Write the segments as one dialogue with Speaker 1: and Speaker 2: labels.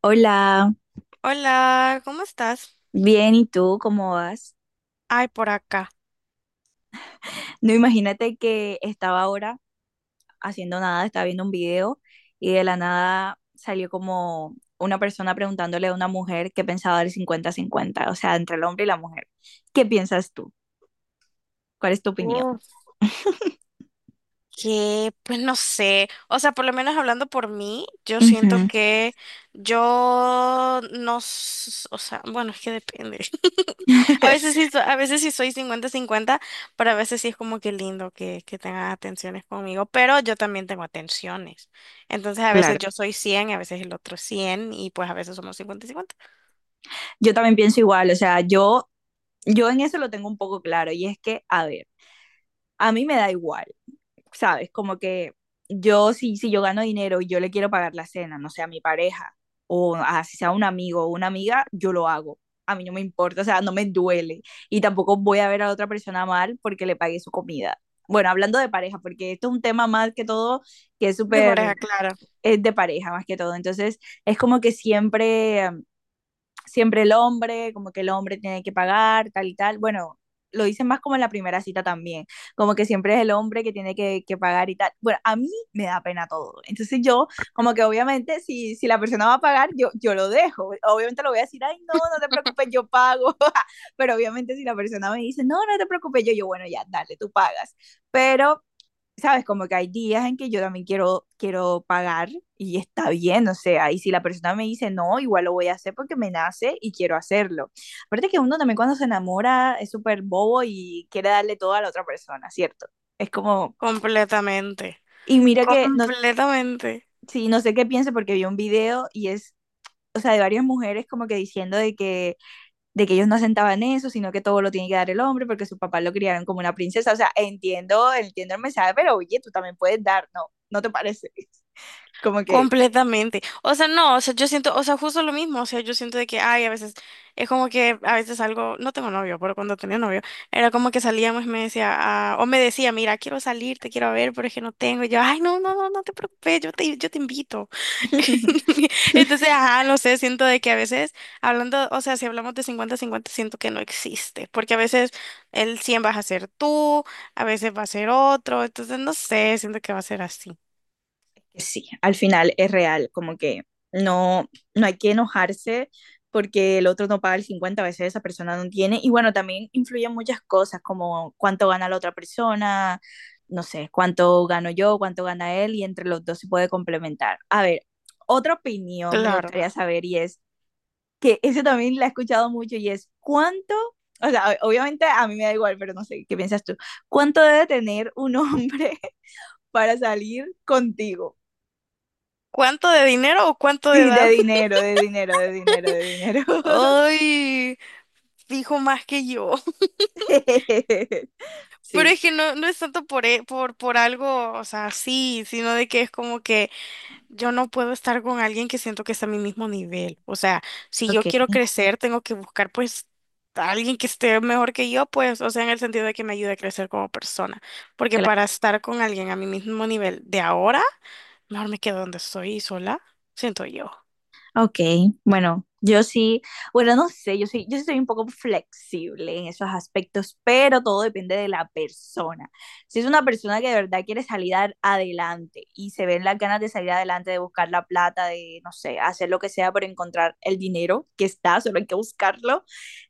Speaker 1: Hola,
Speaker 2: Hola, ¿cómo estás?
Speaker 1: bien, ¿y tú cómo vas?
Speaker 2: Ay, por acá.
Speaker 1: No, imagínate que estaba ahora haciendo nada, estaba viendo un video y de la nada salió como una persona preguntándole a una mujer qué pensaba del 50-50, o sea, entre el hombre y la mujer. ¿Qué piensas tú? ¿Cuál es tu opinión?
Speaker 2: Uf, que pues no sé, o sea, por lo menos hablando por mí, yo siento
Speaker 1: Ujú.
Speaker 2: que yo no, o sea, bueno, es que depende. A veces sí, a veces sí soy cincuenta-cincuenta, pero a veces sí es como que lindo que tengan atenciones conmigo, pero yo también tengo atenciones. Entonces a veces
Speaker 1: Claro,
Speaker 2: yo soy 100, a veces el otro es 100 y pues a veces somos 50 cincuenta.
Speaker 1: yo también pienso igual, o sea, yo en eso lo tengo un poco claro y es que, a ver, a mí me da igual. ¿Sabes? Como que yo, si yo gano dinero y yo le quiero pagar la cena, no sé, a mi pareja, o a, si sea un amigo o una amiga, yo lo hago. A mí no me importa, o sea, no me duele. Y tampoco voy a ver a otra persona mal porque le pagué su comida. Bueno, hablando de pareja, porque esto es un tema más que todo que es
Speaker 2: De
Speaker 1: súper,
Speaker 2: pareja, claro,
Speaker 1: es de pareja más que todo. Entonces, es como que siempre el hombre, como que el hombre tiene que pagar, tal y tal. Bueno, lo dicen más como en la primera cita también, como que siempre es el hombre que tiene que, pagar y tal. Bueno, a mí me da pena todo. Entonces yo, como que obviamente si, la persona va a pagar, yo lo dejo. Obviamente lo voy a decir, ay, no, no te preocupes, yo pago. Pero obviamente si la persona me dice, no, no te preocupes, yo, bueno, ya, dale, tú pagas. Pero sabes, como que hay días en que yo también quiero, quiero pagar y está bien, o sea, y si la persona me dice no, igual lo voy a hacer porque me nace y quiero hacerlo. Aparte que uno también cuando se enamora es súper bobo y quiere darle todo a la otra persona, ¿cierto? Es como,
Speaker 2: completamente,
Speaker 1: y mira que, no,
Speaker 2: completamente.
Speaker 1: sí, no sé qué piense porque vi un video y es, o sea, de varias mujeres como que diciendo de que ellos no asentaban eso, sino que todo lo tiene que dar el hombre porque su papá lo criaron como una princesa, o sea, entiendo, entiendo el mensaje, pero oye, tú también puedes dar, ¿no? ¿No te parece? Como que
Speaker 2: Completamente. O sea, no, o sea, yo siento, o sea, justo lo mismo, o sea, yo siento de que, ay, a veces, es como que a veces algo, no tengo novio, pero cuando tenía novio, era como que salíamos y me decía, ah, o me decía, mira, quiero salir, te quiero ver, pero es que no tengo, y yo, ay, no, no, no, no te preocupes, yo te invito. Entonces, ajá, no sé, siento de que a veces, hablando, o sea, si hablamos de cincuenta cincuenta siento que no existe, porque a veces el 100 vas a ser tú, a veces va a ser otro, entonces, no sé, siento que va a ser así.
Speaker 1: sí, al final es real, como que no, no hay que enojarse porque el otro no paga el 50 a veces esa persona no tiene. Y bueno, también influyen muchas cosas, como cuánto gana la otra persona, no sé, cuánto gano yo, cuánto gana él, y entre los dos se puede complementar. A ver, otra opinión me
Speaker 2: Claro.
Speaker 1: gustaría saber y es que eso también la he escuchado mucho y es cuánto, o sea, obviamente a mí me da igual, pero no sé, ¿qué piensas tú? ¿Cuánto debe tener un hombre para salir contigo?
Speaker 2: ¿Cuánto de dinero o cuánto de
Speaker 1: Sí, de
Speaker 2: edad?
Speaker 1: dinero, de dinero, de dinero, de dinero.
Speaker 2: Ay, dijo más que yo. Pero
Speaker 1: Sí.
Speaker 2: es que no, no es tanto por algo, o sea, sí, sino de que es como que yo no puedo estar con alguien que siento que está a mi mismo nivel. O sea, si yo
Speaker 1: Ok,
Speaker 2: quiero crecer, tengo que buscar pues a alguien que esté mejor que yo, pues, o sea, en el sentido de que me ayude a crecer como persona. Porque
Speaker 1: claro.
Speaker 2: para estar con alguien a mi mismo nivel de ahora, mejor me quedo donde estoy sola, siento yo.
Speaker 1: Ok, bueno, yo sí, bueno, no sé, yo sí, yo sí soy un poco flexible en esos aspectos, pero todo depende de la persona. Si es una persona que de verdad quiere salir adelante y se ven las ganas de salir adelante, de buscar la plata, de, no sé, hacer lo que sea por encontrar el dinero que está, solo hay que buscarlo,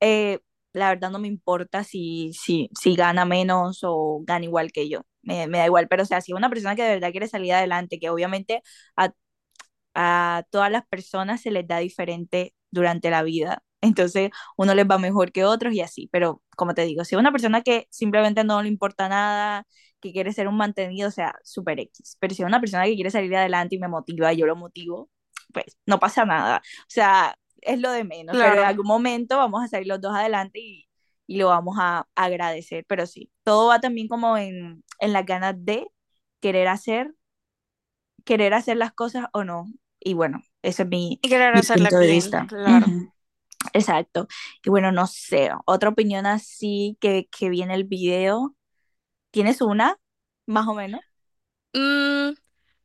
Speaker 1: eh, la verdad no me importa si, si gana menos o gana igual que yo. Me da igual, pero o sea, si es una persona que de verdad quiere salir adelante, que obviamente a a todas las personas se les da diferente durante la vida. Entonces, uno les va mejor que otros y así. Pero, como te digo, si es una persona que simplemente no le importa nada, que quiere ser un mantenido, o sea, super X. Pero si es una persona que quiere salir adelante y me motiva, yo lo motivo, pues no pasa nada. O sea, es lo de menos. Pero en
Speaker 2: Claro.
Speaker 1: algún momento vamos a salir los dos adelante y lo vamos a agradecer. Pero sí, todo va también como en, las ganas de querer hacer querer hacer las cosas o no. Y bueno, ese es mi,
Speaker 2: Y querer
Speaker 1: mi
Speaker 2: hacerla
Speaker 1: punto de
Speaker 2: bien,
Speaker 1: vista.
Speaker 2: claro.
Speaker 1: Ujú, exacto. Y bueno, no sé, otra opinión así que vi en el video. ¿Tienes una? Más o menos.
Speaker 2: Mm,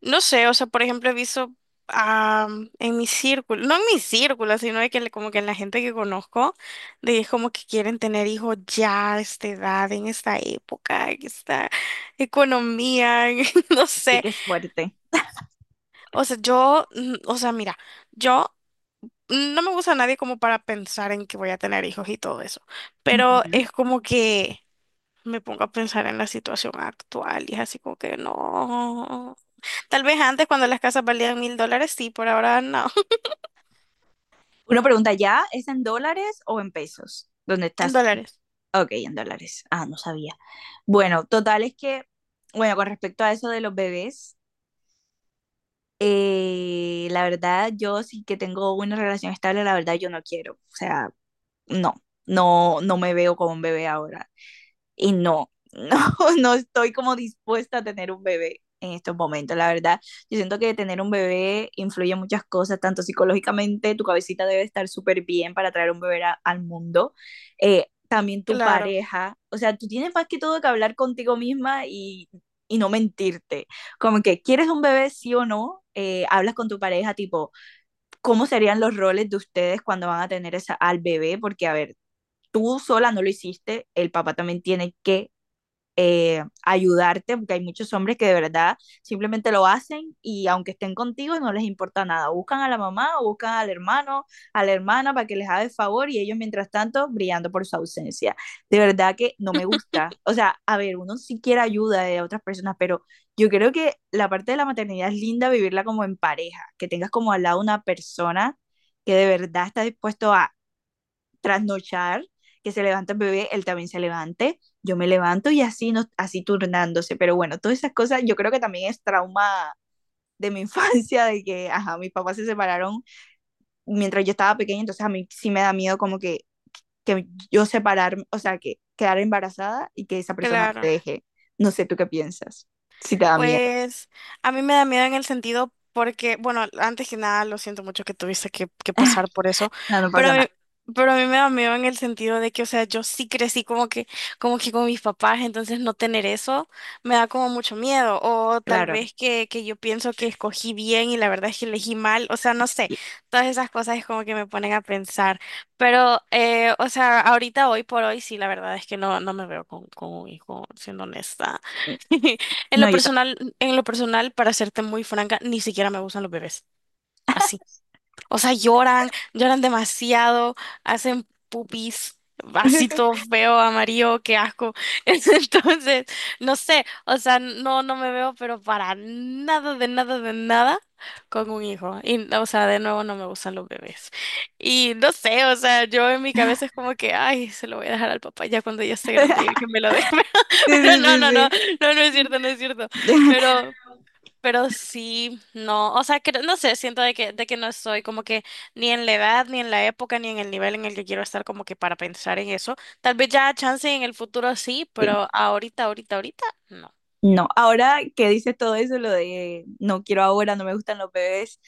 Speaker 2: no sé, o sea, por ejemplo, he visto ah, en mi círculo, no en mi círculo, sino de que como que en la gente que conozco, de que es como que quieren tener hijos ya a esta edad, en esta época, en esta economía, en- no
Speaker 1: Sí
Speaker 2: sé.
Speaker 1: que es fuerte.
Speaker 2: O sea, yo, mm, o sea, mira, yo no me gusta a nadie como para pensar en que voy a tener hijos y todo eso, pero
Speaker 1: Ujú.
Speaker 2: es como que me pongo a pensar en la situación actual y es así como que no. Tal vez antes cuando las casas valían $1,000, sí, por ahora no.
Speaker 1: Una pregunta ya, ¿es en dólares o en pesos? ¿Dónde
Speaker 2: En
Speaker 1: estás tú?
Speaker 2: dólares.
Speaker 1: Ok, en dólares. Ah, no sabía. Bueno, total es que, bueno, con respecto a eso de los bebés, la verdad, yo sí que tengo una relación estable, la verdad, yo no quiero. O sea, no, no, no me veo como un bebé ahora. Y no, no, no estoy como dispuesta a tener un bebé en estos momentos, la verdad. Yo siento que tener un bebé influye en muchas cosas, tanto psicológicamente, tu cabecita debe estar súper bien para traer un bebé al mundo, también tu
Speaker 2: Claro,
Speaker 1: pareja, o sea, tú tienes más que todo que hablar contigo misma y no mentirte, como que quieres un bebé sí o no, hablas con tu pareja tipo, ¿cómo serían los roles de ustedes cuando van a tener al bebé? Porque, a ver, tú sola no lo hiciste, el papá también tiene que ayudarte, porque hay muchos hombres que de verdad simplemente lo hacen y aunque estén contigo no les importa nada, buscan a la mamá o buscan al hermano, a la hermana para que les haga el favor y ellos mientras tanto brillando por su ausencia. De verdad que no me gusta. O sea, a ver, uno sí quiere ayuda de otras personas, pero yo creo que la parte de la maternidad es linda vivirla como en pareja, que tengas como al lado una persona que de verdad está dispuesto a trasnochar, que se levanta el bebé, él también se levante, yo me levanto y así, nos, así turnándose. Pero bueno, todas esas cosas yo creo que también es trauma de mi infancia, de que, ajá, mis papás se separaron mientras yo estaba pequeña, entonces a mí sí me da miedo como que yo separarme, o sea, que quedar embarazada y que esa persona te
Speaker 2: claro.
Speaker 1: deje. No sé tú qué piensas, si te da miedo.
Speaker 2: Pues a mí me da miedo en el sentido porque, bueno, antes que nada, lo siento mucho que tuviste que pasar por eso,
Speaker 1: No, no
Speaker 2: pero
Speaker 1: pasa
Speaker 2: a mí,
Speaker 1: nada,
Speaker 2: pero a mí me da miedo en el sentido de que, o sea, yo sí crecí como que con mis papás, entonces no tener eso me da como mucho miedo, o tal
Speaker 1: claro.
Speaker 2: vez que yo pienso que escogí bien y la verdad es que elegí mal, o sea, no sé, todas esas cosas es como que me ponen a pensar, pero, o sea, ahorita, hoy por hoy, sí, la verdad es que no, no me veo con un hijo, siendo honesta.
Speaker 1: No, yo tampoco.
Speaker 2: En lo personal, para serte muy franca, ni siquiera me gustan los bebés. Así. O sea, lloran, lloran demasiado, hacen pupis, así todo feo, amarillo, qué asco. Entonces, no sé, o sea, no, no me veo, pero para nada, de nada, de nada con un hijo. Y, o sea, de nuevo no me gustan los bebés. Y no sé, o sea, yo en mi cabeza es como que, ay, se lo voy a dejar al papá ya cuando ya esté grande, ya que me lo deje.
Speaker 1: Sí,
Speaker 2: Pero no,
Speaker 1: sí,
Speaker 2: no, no,
Speaker 1: sí,
Speaker 2: no, no es cierto, no es cierto.
Speaker 1: sí.
Speaker 2: Pero, pero sí, no, o sea, que, no sé, siento de que no estoy como que ni en la edad, ni en la época, ni en el nivel en el que quiero estar como que para pensar en eso. Tal vez ya chance en el futuro sí,
Speaker 1: Sí.
Speaker 2: pero ahorita, ahorita, ahorita, no.
Speaker 1: No, ahora que dices todo eso, lo de no quiero ahora, no me gustan los bebés,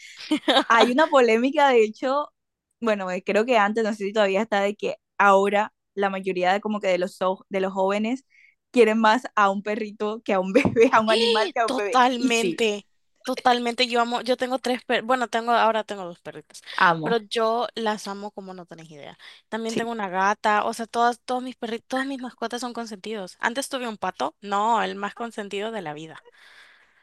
Speaker 1: hay una polémica, de hecho, bueno, creo que antes, no sé si todavía está, de que ahora la mayoría de como que de los, de los jóvenes quieren más a un perrito que a un bebé, a un animal
Speaker 2: ¡Eh!
Speaker 1: que a un bebé. Y sí,
Speaker 2: Totalmente, totalmente. Yo amo, yo tengo tres perros, bueno, tengo, ahora tengo dos perritas,
Speaker 1: amo.
Speaker 2: pero yo las amo como no tenés idea. También
Speaker 1: Sí.
Speaker 2: tengo una gata, o sea, todas, todos mis perritos, todas mis mascotas son consentidos. Antes tuve un pato, no, el más consentido de la vida.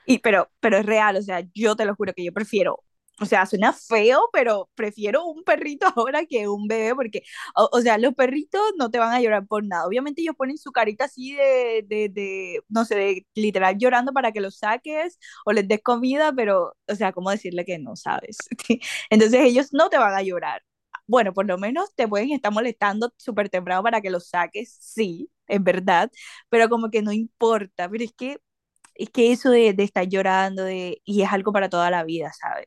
Speaker 1: Y, pero es real, o sea, yo te lo juro que yo prefiero, o sea, suena feo, pero prefiero un perrito ahora que un bebé, porque, o sea, los perritos no te van a llorar por nada. Obviamente ellos ponen su carita así de, de, no sé, de literal llorando para que los saques o les des comida, pero, o sea, ¿cómo decirle que no sabes? Entonces ellos no te van a llorar. Bueno, por lo menos te pueden estar molestando súper temprano para que los saques, sí, es verdad, pero como que no importa, pero es que eso de, estar llorando de, y es algo para toda la vida, ¿sabes?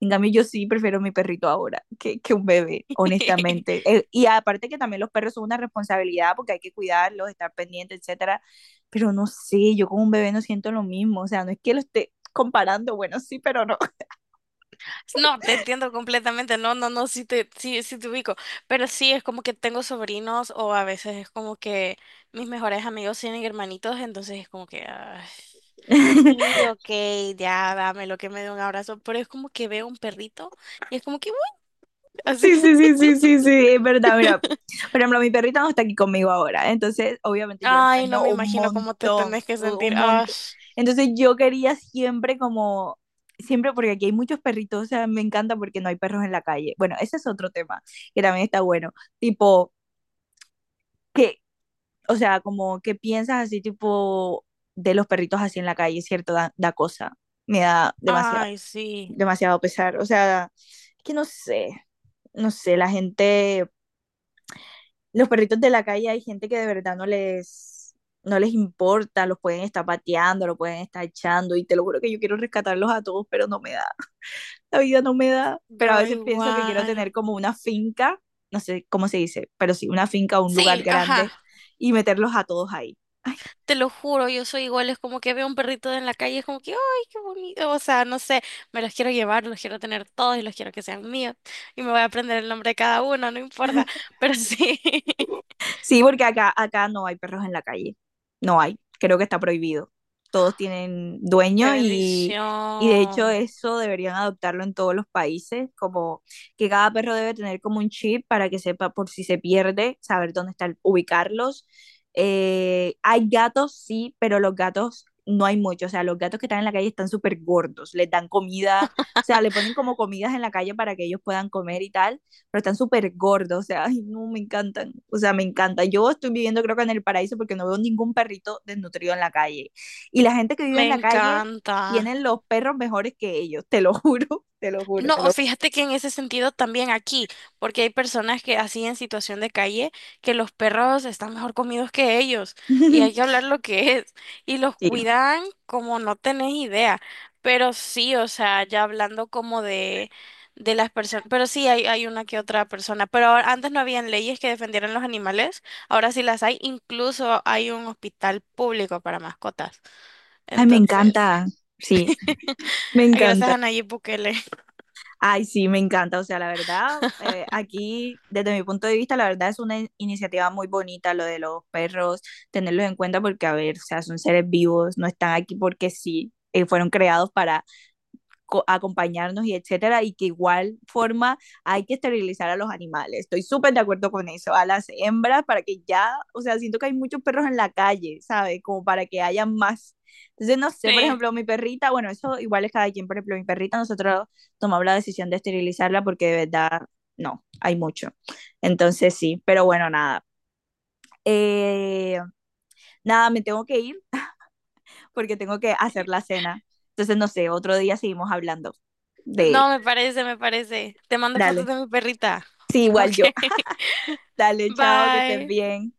Speaker 1: En cambio, yo sí prefiero mi perrito ahora que un bebé, honestamente. Y aparte que también los perros son una responsabilidad porque hay que cuidarlos, estar pendiente, etcétera. Pero no sé, yo con un bebé no siento lo mismo, o sea, no es que lo esté comparando, bueno, sí, pero no.
Speaker 2: No, te entiendo completamente, no, no, no, sí, sí te ubico, pero sí, es como que tengo sobrinos o a veces es como que mis mejores amigos tienen hermanitos, entonces es como que, ay, sí, ok, ya, dame lo que me dé un abrazo, pero es como que veo un perrito y es como que, "Uy", así,
Speaker 1: Sí, sí, sí, sí, sí, sí, es verdad, mira. Por ejemplo, mi perrita no está aquí conmigo ahora, entonces obviamente yo la
Speaker 2: ay, no
Speaker 1: extraño
Speaker 2: me
Speaker 1: un
Speaker 2: imagino cómo te
Speaker 1: montón,
Speaker 2: tenés que sentir,
Speaker 1: un
Speaker 2: ay,
Speaker 1: montón. Entonces yo quería siempre como, siempre porque aquí hay muchos perritos, o sea, me encanta porque no hay perros en la calle. Bueno, ese es otro tema que también está bueno, tipo, que, o sea, como que piensas así tipo de los perritos así en la calle, ¿cierto? da, cosa, me da demasiado,
Speaker 2: ay, sí,
Speaker 1: demasiado pesar, o sea, es que no sé, no sé, la gente los perritos de la calle hay gente que de verdad no les importa, los pueden estar pateando, los pueden estar echando y te lo juro que yo quiero rescatarlos a todos, pero no me da, la vida no me da. Pero a
Speaker 2: yo
Speaker 1: veces pienso que quiero
Speaker 2: igual,
Speaker 1: tener como una finca, no sé cómo se dice, pero sí, una finca o un lugar
Speaker 2: sí,
Speaker 1: grande
Speaker 2: ajá.
Speaker 1: y meterlos a todos ahí. Ay,
Speaker 2: Te lo juro, yo soy igual, es como que veo un perrito en la calle, es como que, ¡ay, qué bonito! O sea, no sé, me los quiero llevar, los quiero tener todos y los quiero que sean míos. Y me voy a aprender el nombre de cada uno, no importa. Pero sí,
Speaker 1: sí, porque acá no hay perros en la calle. No hay. Creo que está prohibido. Todos tienen
Speaker 2: qué
Speaker 1: dueño y de hecho
Speaker 2: bendición.
Speaker 1: eso deberían adoptarlo en todos los países, como que cada perro debe tener como un chip para que sepa por si se pierde, saber dónde están, ubicarlos. Hay gatos, sí, pero los gatos no hay mucho. O sea, los gatos que están en la calle están súper gordos, les dan comida, o sea, le ponen como comidas en la calle para que ellos puedan comer y tal pero están súper gordos, o sea, ay, no, me encantan, o sea, me encanta. Yo estoy viviendo creo que en el paraíso porque no veo ningún perrito desnutrido en la calle. Y la gente que vive
Speaker 2: Me
Speaker 1: en la calle
Speaker 2: encanta.
Speaker 1: tienen los perros mejores que ellos, te lo juro, te lo juro, te lo
Speaker 2: No,
Speaker 1: juro.
Speaker 2: fíjate que en ese sentido también aquí, porque hay personas que así en situación de calle, que los perros están mejor comidos que ellos y hay que hablar lo que es y los
Speaker 1: Sí,
Speaker 2: cuidan como no tenés idea, pero sí, o sea, ya hablando de las personas, pero sí hay una que otra persona, pero ahora- antes no habían leyes que defendieran los animales, ahora sí las hay, incluso hay un hospital público para mascotas,
Speaker 1: ay, me
Speaker 2: entonces,
Speaker 1: encanta, sí, me
Speaker 2: gracias
Speaker 1: encanta.
Speaker 2: a Nayib Bukele.
Speaker 1: Ay, sí, me encanta, o sea, la verdad, aquí, desde mi punto de vista, la verdad es una iniciativa muy bonita lo de los perros, tenerlos en cuenta porque, a ver, o sea, son seres vivos, no están aquí porque sí, fueron creados para acompañarnos y etcétera, y que igual forma hay que esterilizar a los animales. Estoy súper de acuerdo con eso, a las hembras para que ya, o sea, siento que hay muchos perros en la calle, ¿sabes? Como para que haya más. Entonces, no sé, por
Speaker 2: Sí.
Speaker 1: ejemplo, mi perrita, bueno, eso igual es cada quien, por ejemplo, mi perrita, nosotros tomamos la decisión de esterilizarla porque de verdad, no, hay mucho. Entonces, sí, pero bueno, nada. Eh, nada, me tengo que ir porque tengo que hacer la cena. Entonces, no sé, otro día seguimos hablando de...
Speaker 2: No, me parece, me parece. Te mando fotos
Speaker 1: Dale.
Speaker 2: de mi perrita.
Speaker 1: Sí, igual yo.
Speaker 2: Ok.
Speaker 1: Dale, chao, que estés
Speaker 2: Bye.
Speaker 1: bien.